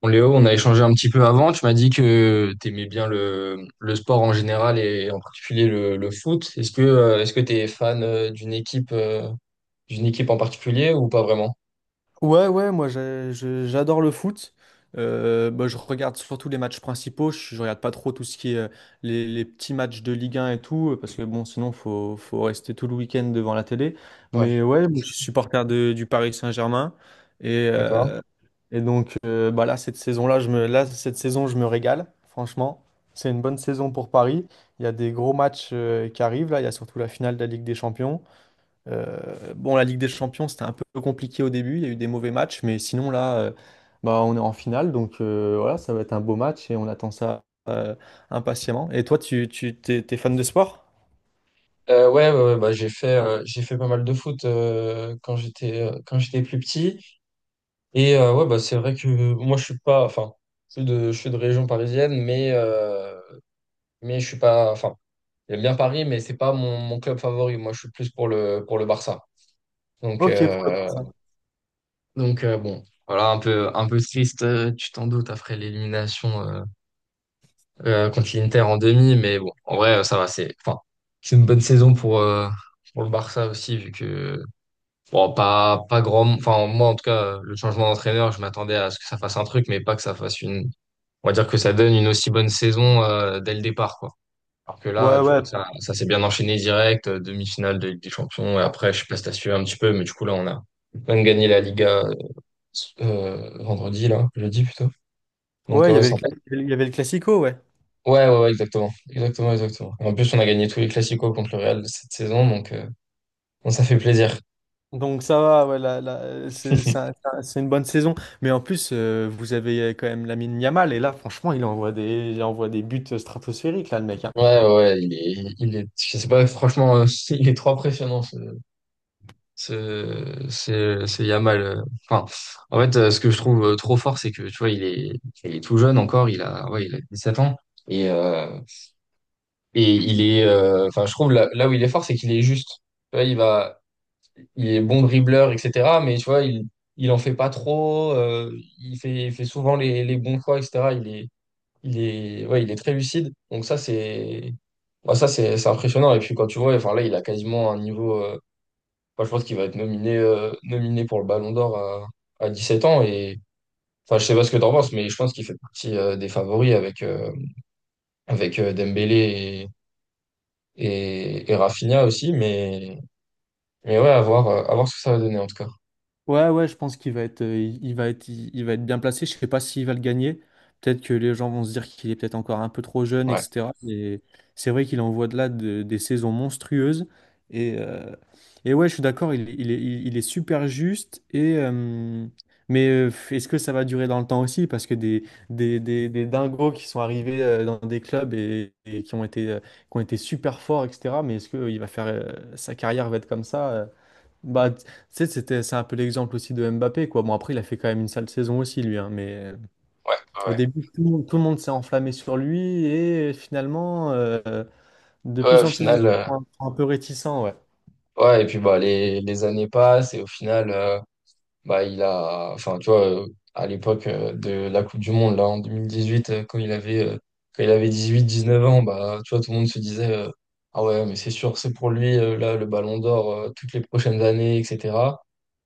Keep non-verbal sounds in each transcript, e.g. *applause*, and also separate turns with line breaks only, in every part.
Bon, Léo, on a échangé un petit peu avant. Tu m'as dit que tu aimais bien le sport en général et en particulier le foot. Est-ce que tu es fan d'une équipe en particulier ou pas vraiment?
Ouais, ouais, moi j'adore le foot. Bah, je regarde surtout les matchs principaux. Je regarde pas trop tout ce qui est les petits matchs de Ligue 1 et tout, parce que bon, sinon faut rester tout le week-end devant la télé. Mais
Ouais.
ouais, moi, je suis supporter du Paris Saint-Germain. Et,
D'accord.
euh, et donc bah là, cette saison, je me régale, franchement. C'est une bonne saison pour Paris. Il y a des gros matchs qui arrivent là. Il y a surtout la finale de la Ligue des Champions. Bon, la Ligue des Champions, c'était un peu compliqué au début. Il y a eu des mauvais matchs, mais sinon, là, on est en finale. Donc, voilà, ça va être un beau match et on attend ça impatiemment. Et toi, t'es fan de sport?
Ouais, ouais, ouais, bah, j'ai fait pas mal de foot quand j'étais plus petit. Ouais, bah c'est vrai que moi je suis pas, enfin, je suis de région parisienne, mais je suis pas, enfin, j'aime bien Paris, mais c'est pas mon club favori. Moi, je suis plus pour le Barça. Donc
Ok, pour le
euh,
Barça.
Bon, voilà, un peu triste, tu t'en doutes, après l'élimination contre l'Inter en demi, mais bon, en vrai, ça va, c'est, enfin, c'est une bonne saison pour le Barça aussi, vu que, bon, pas grand, enfin, moi, en tout cas, le changement d'entraîneur, je m'attendais à ce que ça fasse un truc, mais pas que ça fasse une, on va dire que ça donne une aussi bonne saison dès le départ, quoi. Alors que là,
Ouais,
du
ouais.
coup, ça s'est bien enchaîné direct, demi-finale de Ligue des Champions, et après, je sais pas si t'as suivi un petit peu, mais du coup, là, on a même gagné la Liga vendredi, là, jeudi plutôt. Donc,
Ouais, il y
ouais,
avait
sympa.
il y avait le Classico, ouais.
Ouais, ouais, ouais, exactement. Exactement, exactement. En plus, on a gagné tous les Clasico contre le Real cette saison, donc bon, ça fait plaisir.
Donc, ça va, ouais, là là c'est un- c'est un- c'est une bonne saison. Mais en plus, vous avez quand même Lamine Yamal. Et là, franchement, il envoie des buts stratosphériques, là, le mec, hein.
Ouais, ouais, je sais pas, franchement, *laughs* il est trop impressionnant, ce Yamal. Enfin, en fait, ce que je trouve trop fort, c'est que, tu vois, il est tout jeune encore, il a, ouais, il a 7 ans. Et, il est, enfin, je trouve là où il est fort, c'est qu'il est juste. Tu vois, il est bon dribbleur, etc. Mais tu vois, il en fait pas trop. Il fait souvent les bons choix, etc. Il est, ouais, il est très lucide. Donc ça, c'est, bah, ça, c'est impressionnant. Et puis quand tu vois, enfin là, il a quasiment un niveau. Enfin, je pense qu'il va être nominé, nominé pour le Ballon d'Or à 17 ans. Et, enfin, je sais pas ce que t'en penses, mais je pense qu'il fait partie des favoris avec Dembélé et Rafinha aussi. Mais ouais, à voir, à voir ce que ça va donner en tout cas.
Ouais, ouais, je pense qu'il va être, il va être, il va être bien placé. Je sais pas s'il va le gagner. Peut-être que les gens vont se dire qu'il est peut-être encore un peu trop jeune,
Ouais.
etc. Mais c'est vrai qu'il envoie des saisons monstrueuses. Et, euh, et ouais, je suis d'accord, il est super juste. Mais est-ce que ça va durer dans le temps aussi? Parce que des dingos qui sont arrivés dans des clubs et qui ont qui ont été super forts, etc. Mais est-ce que sa carrière va être comme ça? Euh? Bah, tu sais, c'est un peu l'exemple aussi de Mbappé, quoi. Bon, après, il a fait quand même une sale saison aussi, lui, hein, mais
Ouais,
au
ouais.
début, tout le monde s'est enflammé sur lui et finalement, de
Ouais, au
plus en plus de gens
final,
sont un peu réticents, ouais.
ouais, et puis bah les années passent et au final, bah il a, enfin tu vois, à l'époque de la Coupe du Monde, là en 2018, quand il avait 18-19 ans, bah tu vois, tout le monde se disait, ah ouais, mais c'est sûr, c'est pour lui, là, le Ballon d'Or, toutes les prochaines années, etc.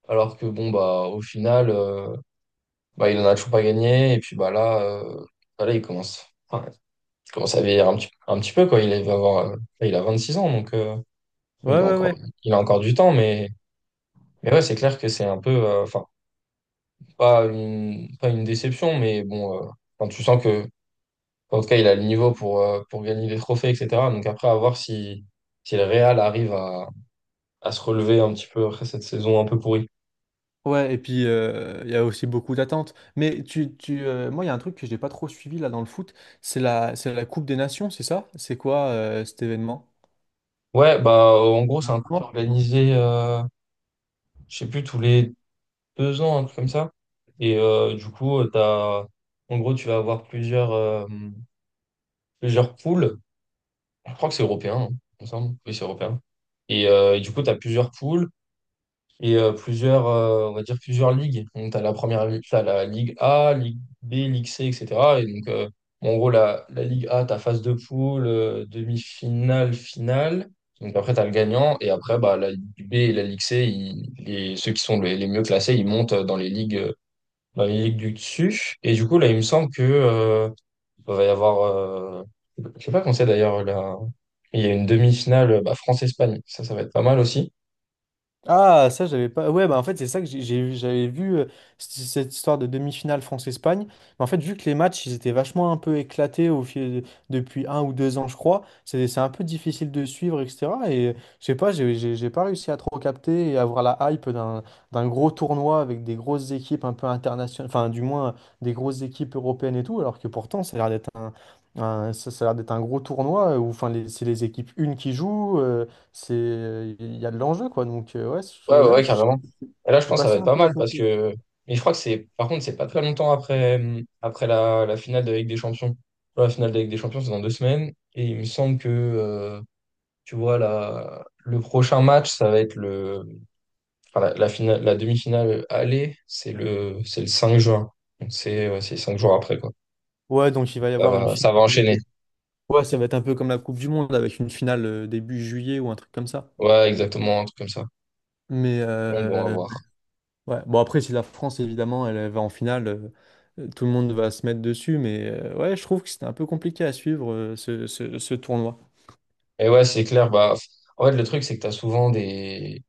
Alors que bon, bah au final, bah il en a toujours pas gagné et puis bah, là, il commence, enfin, il commence à vieillir un petit peu, quoi, il a 26 ans, donc.
Ouais,
Il a
ouais,
encore,
ouais.
il a encore du temps, mais ouais, c'est clair que c'est un peu, enfin, pas une déception, mais bon, enfin, tu sens que, en tout cas, il a le niveau pour gagner des trophées, etc. Donc après, à voir si le Real arrive à se relever un petit peu après cette saison un peu pourrie.
Ouais, et puis, il y a aussi beaucoup d'attentes. Mais moi, il y a un truc que j'ai pas trop suivi là dans le foot, c'est c'est la Coupe des Nations, c'est ça? C'est quoi cet événement?
Ouais, bah, en gros, c'est un truc organisé, je sais plus, tous les 2 ans, un truc comme ça. Du coup, t'as, en gros, tu vas avoir plusieurs, plusieurs poules. Je crois que c'est européen, hein, il me semble. Oui, c'est européen. Et du coup, tu as plusieurs poules et on va dire plusieurs ligues. Donc, tu as t'as la Ligue A, Ligue B, Ligue C, etc. Et donc, euh, bon, en gros, la Ligue A, tu as phase de poule, demi-finale, finale. Donc, après, tu as le gagnant. Et après, bah, la Ligue B et la Ligue C, ceux qui sont les mieux classés, ils montent dans les ligues du dessus. Et du coup, là, il me semble que, il va y avoir, je sais pas quand c'est d'ailleurs, là. Il y a une demi-finale, bah, France-Espagne. Ça va être pas mal aussi.
Ah, ça, j'avais pas. Ouais, bah en fait, c'est ça que j'avais vu cette histoire de demi-finale France-Espagne. Mais en fait, vu que les matchs, ils étaient vachement un peu éclatés au fil depuis un ou deux ans, je crois, c'est un peu difficile de suivre, etc. Et je sais pas, j'ai pas réussi à trop capter et avoir la hype d'un gros tournoi avec des grosses équipes un peu internationales, enfin, du moins, des grosses équipes européennes et tout, alors que pourtant, ça a l'air d'être ça, ça a l'air d'être un gros tournoi où enfin, c'est les équipes une qui jouent. C'est, il y a de l'enjeu, quoi. Donc,
Ouais, ouais, ouais,
je
carrément. Et là, je
suis
pense que ça va
passé
être
un
pas
peu à
mal parce
côté.
que. Mais je crois que c'est. Par contre, c'est pas très longtemps après, après la finale de la Ligue des Champions. La finale de la Ligue des Champions, c'est dans 2 semaines. Et il me semble que, tu vois, le prochain match, ça va être le. Enfin, la demi-finale aller, c'est le 5 juin. Donc, C'est ouais, c'est 5 jours après, quoi.
Ouais, donc il va y avoir une finale
Ça va
pour le
enchaîner.
coup. Ouais, ça va être un peu comme la Coupe du Monde avec une finale début juillet ou un truc comme ça.
Ouais, exactement, un truc comme ça.
Mais
Bon, bon, à
euh,
voir.
ouais, bon, après, si la France, évidemment, elle va en finale, tout le monde va se mettre dessus. Mais ouais, je trouve que c'était un peu compliqué à suivre ce tournoi.
Et ouais, c'est clair. Bah, en fait, le truc, c'est que t'as souvent des,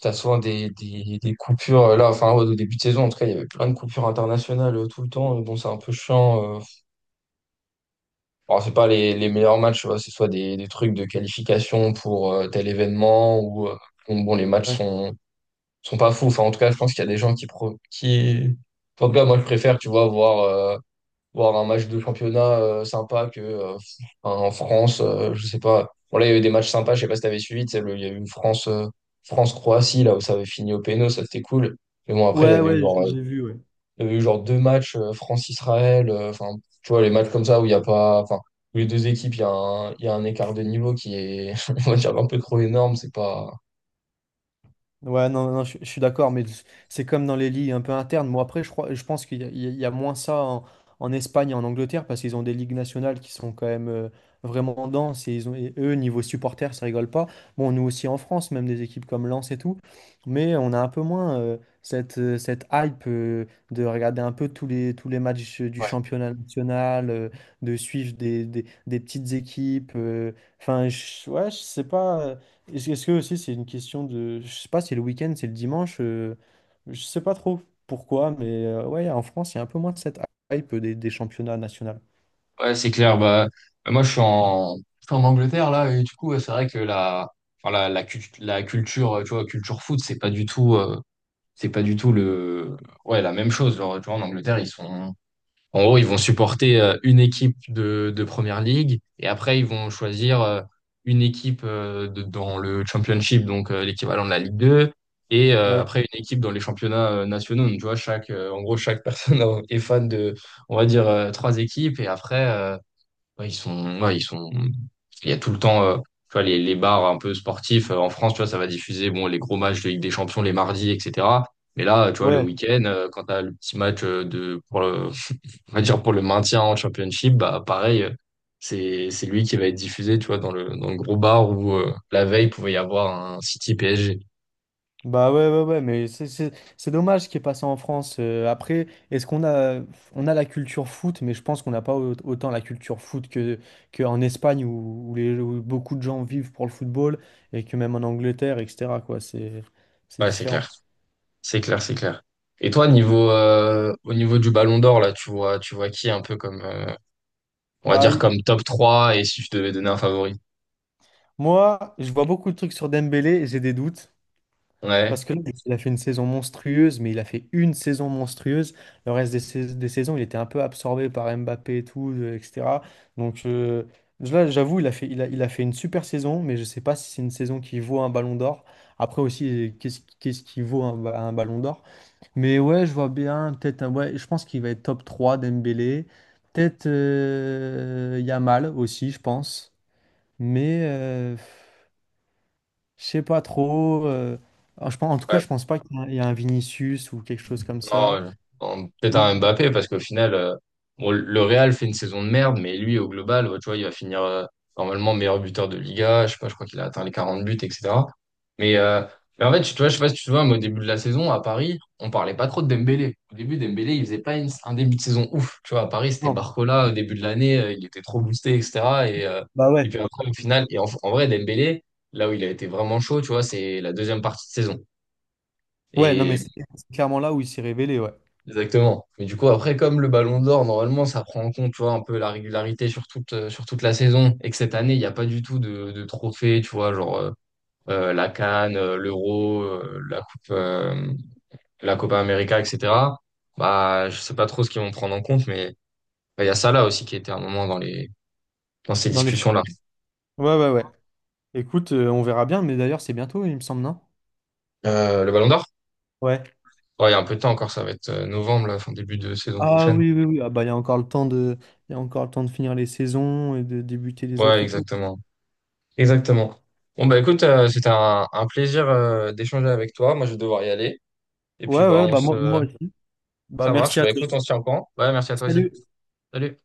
t'as souvent des, des, des coupures. Là, enfin, ouais, au début de saison, en tout cas, il y avait plein de coupures internationales tout le temps. Bon, c'est un peu chiant. Alors, c'est pas les meilleurs matchs, tu vois. C'est soit des trucs de qualification pour tel événement ou, bon, bon, les matchs
Ouais,
sont pas fous. Enfin, en tout cas, je pense qu'il y a des gens qui, en tout cas, moi, je préfère, tu vois, voir un match de championnat sympa que en France, je sais pas. Bon là, il y avait des matchs sympas, je sais pas si t'avais suivi, tu sais, il y a eu France-Croatie là où ça avait fini au péno, ça c'était cool. Mais bon après il y
ouais,
avait eu
ouais,
genre
j'ai vu, ouais.
2 matchs France-Israël, enfin, tu vois, les matchs comme ça où il y a pas, enfin, où les deux équipes, il y a un écart de niveau qui est *laughs* on va dire un peu trop énorme, c'est pas.
Ouais, non, non, je suis d'accord, mais c'est comme dans les ligues un peu internes. Moi, après, je pense qu'il y, a il y a- il y a moins ça en Espagne et en Angleterre parce qu'ils ont des ligues nationales qui sont quand même vraiment denses et eux, niveau supporters, ça rigole pas. Bon, nous aussi en France, même des équipes comme Lens et tout, mais on a un peu moins cette hype de regarder un peu tous les matchs du
Ouais.
championnat national, de suivre des petites équipes. Ouais, je sais pas. Est-ce que aussi c'est une question de... Je sais pas, c'est le week-end, c'est le dimanche, je sais pas trop pourquoi, mais ouais, en France, il y a un peu moins de cette hype des championnats nationaux.
Ouais, c'est clair. Bah, moi, je suis en Angleterre, là, et du coup, ouais, c'est vrai que enfin, la culture, tu vois, culture foot, c'est pas du tout, c'est pas du tout le, ouais, la même chose. Genre, tu vois, en Angleterre, en gros, ils vont supporter une équipe de Première League, et après, ils vont choisir une équipe dans le Championship, donc l'équivalent de la Ligue 2, et
Ouais,
après, une équipe dans les championnats nationaux. Donc, tu vois, en gros, chaque personne *laughs* est fan de, on va dire, 3 équipes, et après, ouais, ils sont, ouais, ils sont. Il y a tout le temps, tu vois, les bars un peu sportifs en France, tu vois, ça va diffuser bon les gros matchs de Ligue des Champions les mardis, etc. Mais là, tu vois, le
ouais,
week-end, quand t'as le petit match *laughs* on va dire pour le maintien en Championship, bah pareil, c'est lui qui va être diffusé, tu vois, dans le gros bar où la veille pouvait y avoir un City PSG.
ouais, mais c'est dommage ce qui est passé en France. Après, est-ce qu'on a, On a la culture foot, mais je pense qu'on n'a pas autant la culture foot qu'en Espagne où les, où beaucoup de gens vivent pour le football et que même en Angleterre, etc., quoi, c'est
Ouais, c'est
différent.
clair, c'est clair, c'est clair. Et toi, niveau au niveau du Ballon d'Or, là, tu vois qui un peu comme on va
Bah,
dire comme top 3 et si je devais donner un favori.
moi, je vois beaucoup de trucs sur Dembélé et j'ai des doutes.
Ouais.
Parce que là, il a fait une saison monstrueuse, mais il a fait une saison monstrueuse. Le reste des saisons, il était un peu absorbé par Mbappé et tout, etc. Donc là, j'avoue, il a fait une super saison, mais je ne sais pas si c'est une saison qui vaut un ballon d'or. Après aussi, qu'est-ce qui vaut un ballon d'or? Mais ouais, je vois bien, ouais, je pense qu'il va être top 3, Dembélé. Peut-être Yamal aussi, je pense. Mais... je sais pas trop. Alors, je pense, en tout cas,
Ouais,
je pense pas qu'il y a, un il y a un Vinicius ou quelque chose comme ça.
non, en peut-être un Mbappé, parce qu'au final, bon, le Real fait une saison de merde, mais lui, au global, bah, tu vois, il va finir normalement meilleur buteur de Liga. Je sais pas, je crois qu'il a atteint les 40 buts, etc. Mais, euh, mais, en fait, tu vois, je sais pas si tu te vois, mais au début de la saison, à Paris, on parlait pas trop de Dembélé. Au début, Dembélé, il faisait pas un début de saison ouf. Tu vois, à Paris, c'était
Non.
Barcola au début de l'année, il était trop boosté, etc. Et, euh,
Bah
et
ouais.
puis après, au final, et en vrai, Dembélé, là où il a été vraiment chaud, tu vois, c'est la deuxième partie de saison.
Ouais, non, mais
Et
c'est clairement là où il s'est révélé, ouais.
Exactement. Mais du coup, après, comme le Ballon d'Or, normalement, ça prend en compte, tu vois, un peu la régularité sur toute la saison. Et que cette année, il n'y a pas du tout de trophée, tu vois, genre la CAN, l'Euro, la Coupe, la Copa América, etc. Bah, je sais pas trop ce qu'ils vont prendre en compte, mais bah, il y a ça là aussi qui était un moment dans ces
Dans les...
discussions-là.
Ouais, ouais, ouais. Écoute, on verra bien, mais d'ailleurs, c'est bientôt, il me semble, non?
Le Ballon d'Or?
Ouais.
Ouais, il y a un peu de temps encore, ça va être novembre, là, fin début de saison
Ah
prochaine.
oui, oui, oui. Ah bah, il y a encore le temps de... il y a encore le temps de finir les saisons et de débuter les
Ouais,
autres et tout.
exactement. Exactement. Bon, bah, écoute, c'était un plaisir d'échanger avec toi. Moi je vais devoir y aller. Et puis
Ouais,
bah
ouais,
on
bah moi, moi
se,
aussi. Bah
ça
merci
marche.
à
Bah
toi.
écoute, on se tient au courant. Ouais, merci à toi aussi.
Salut.
Salut.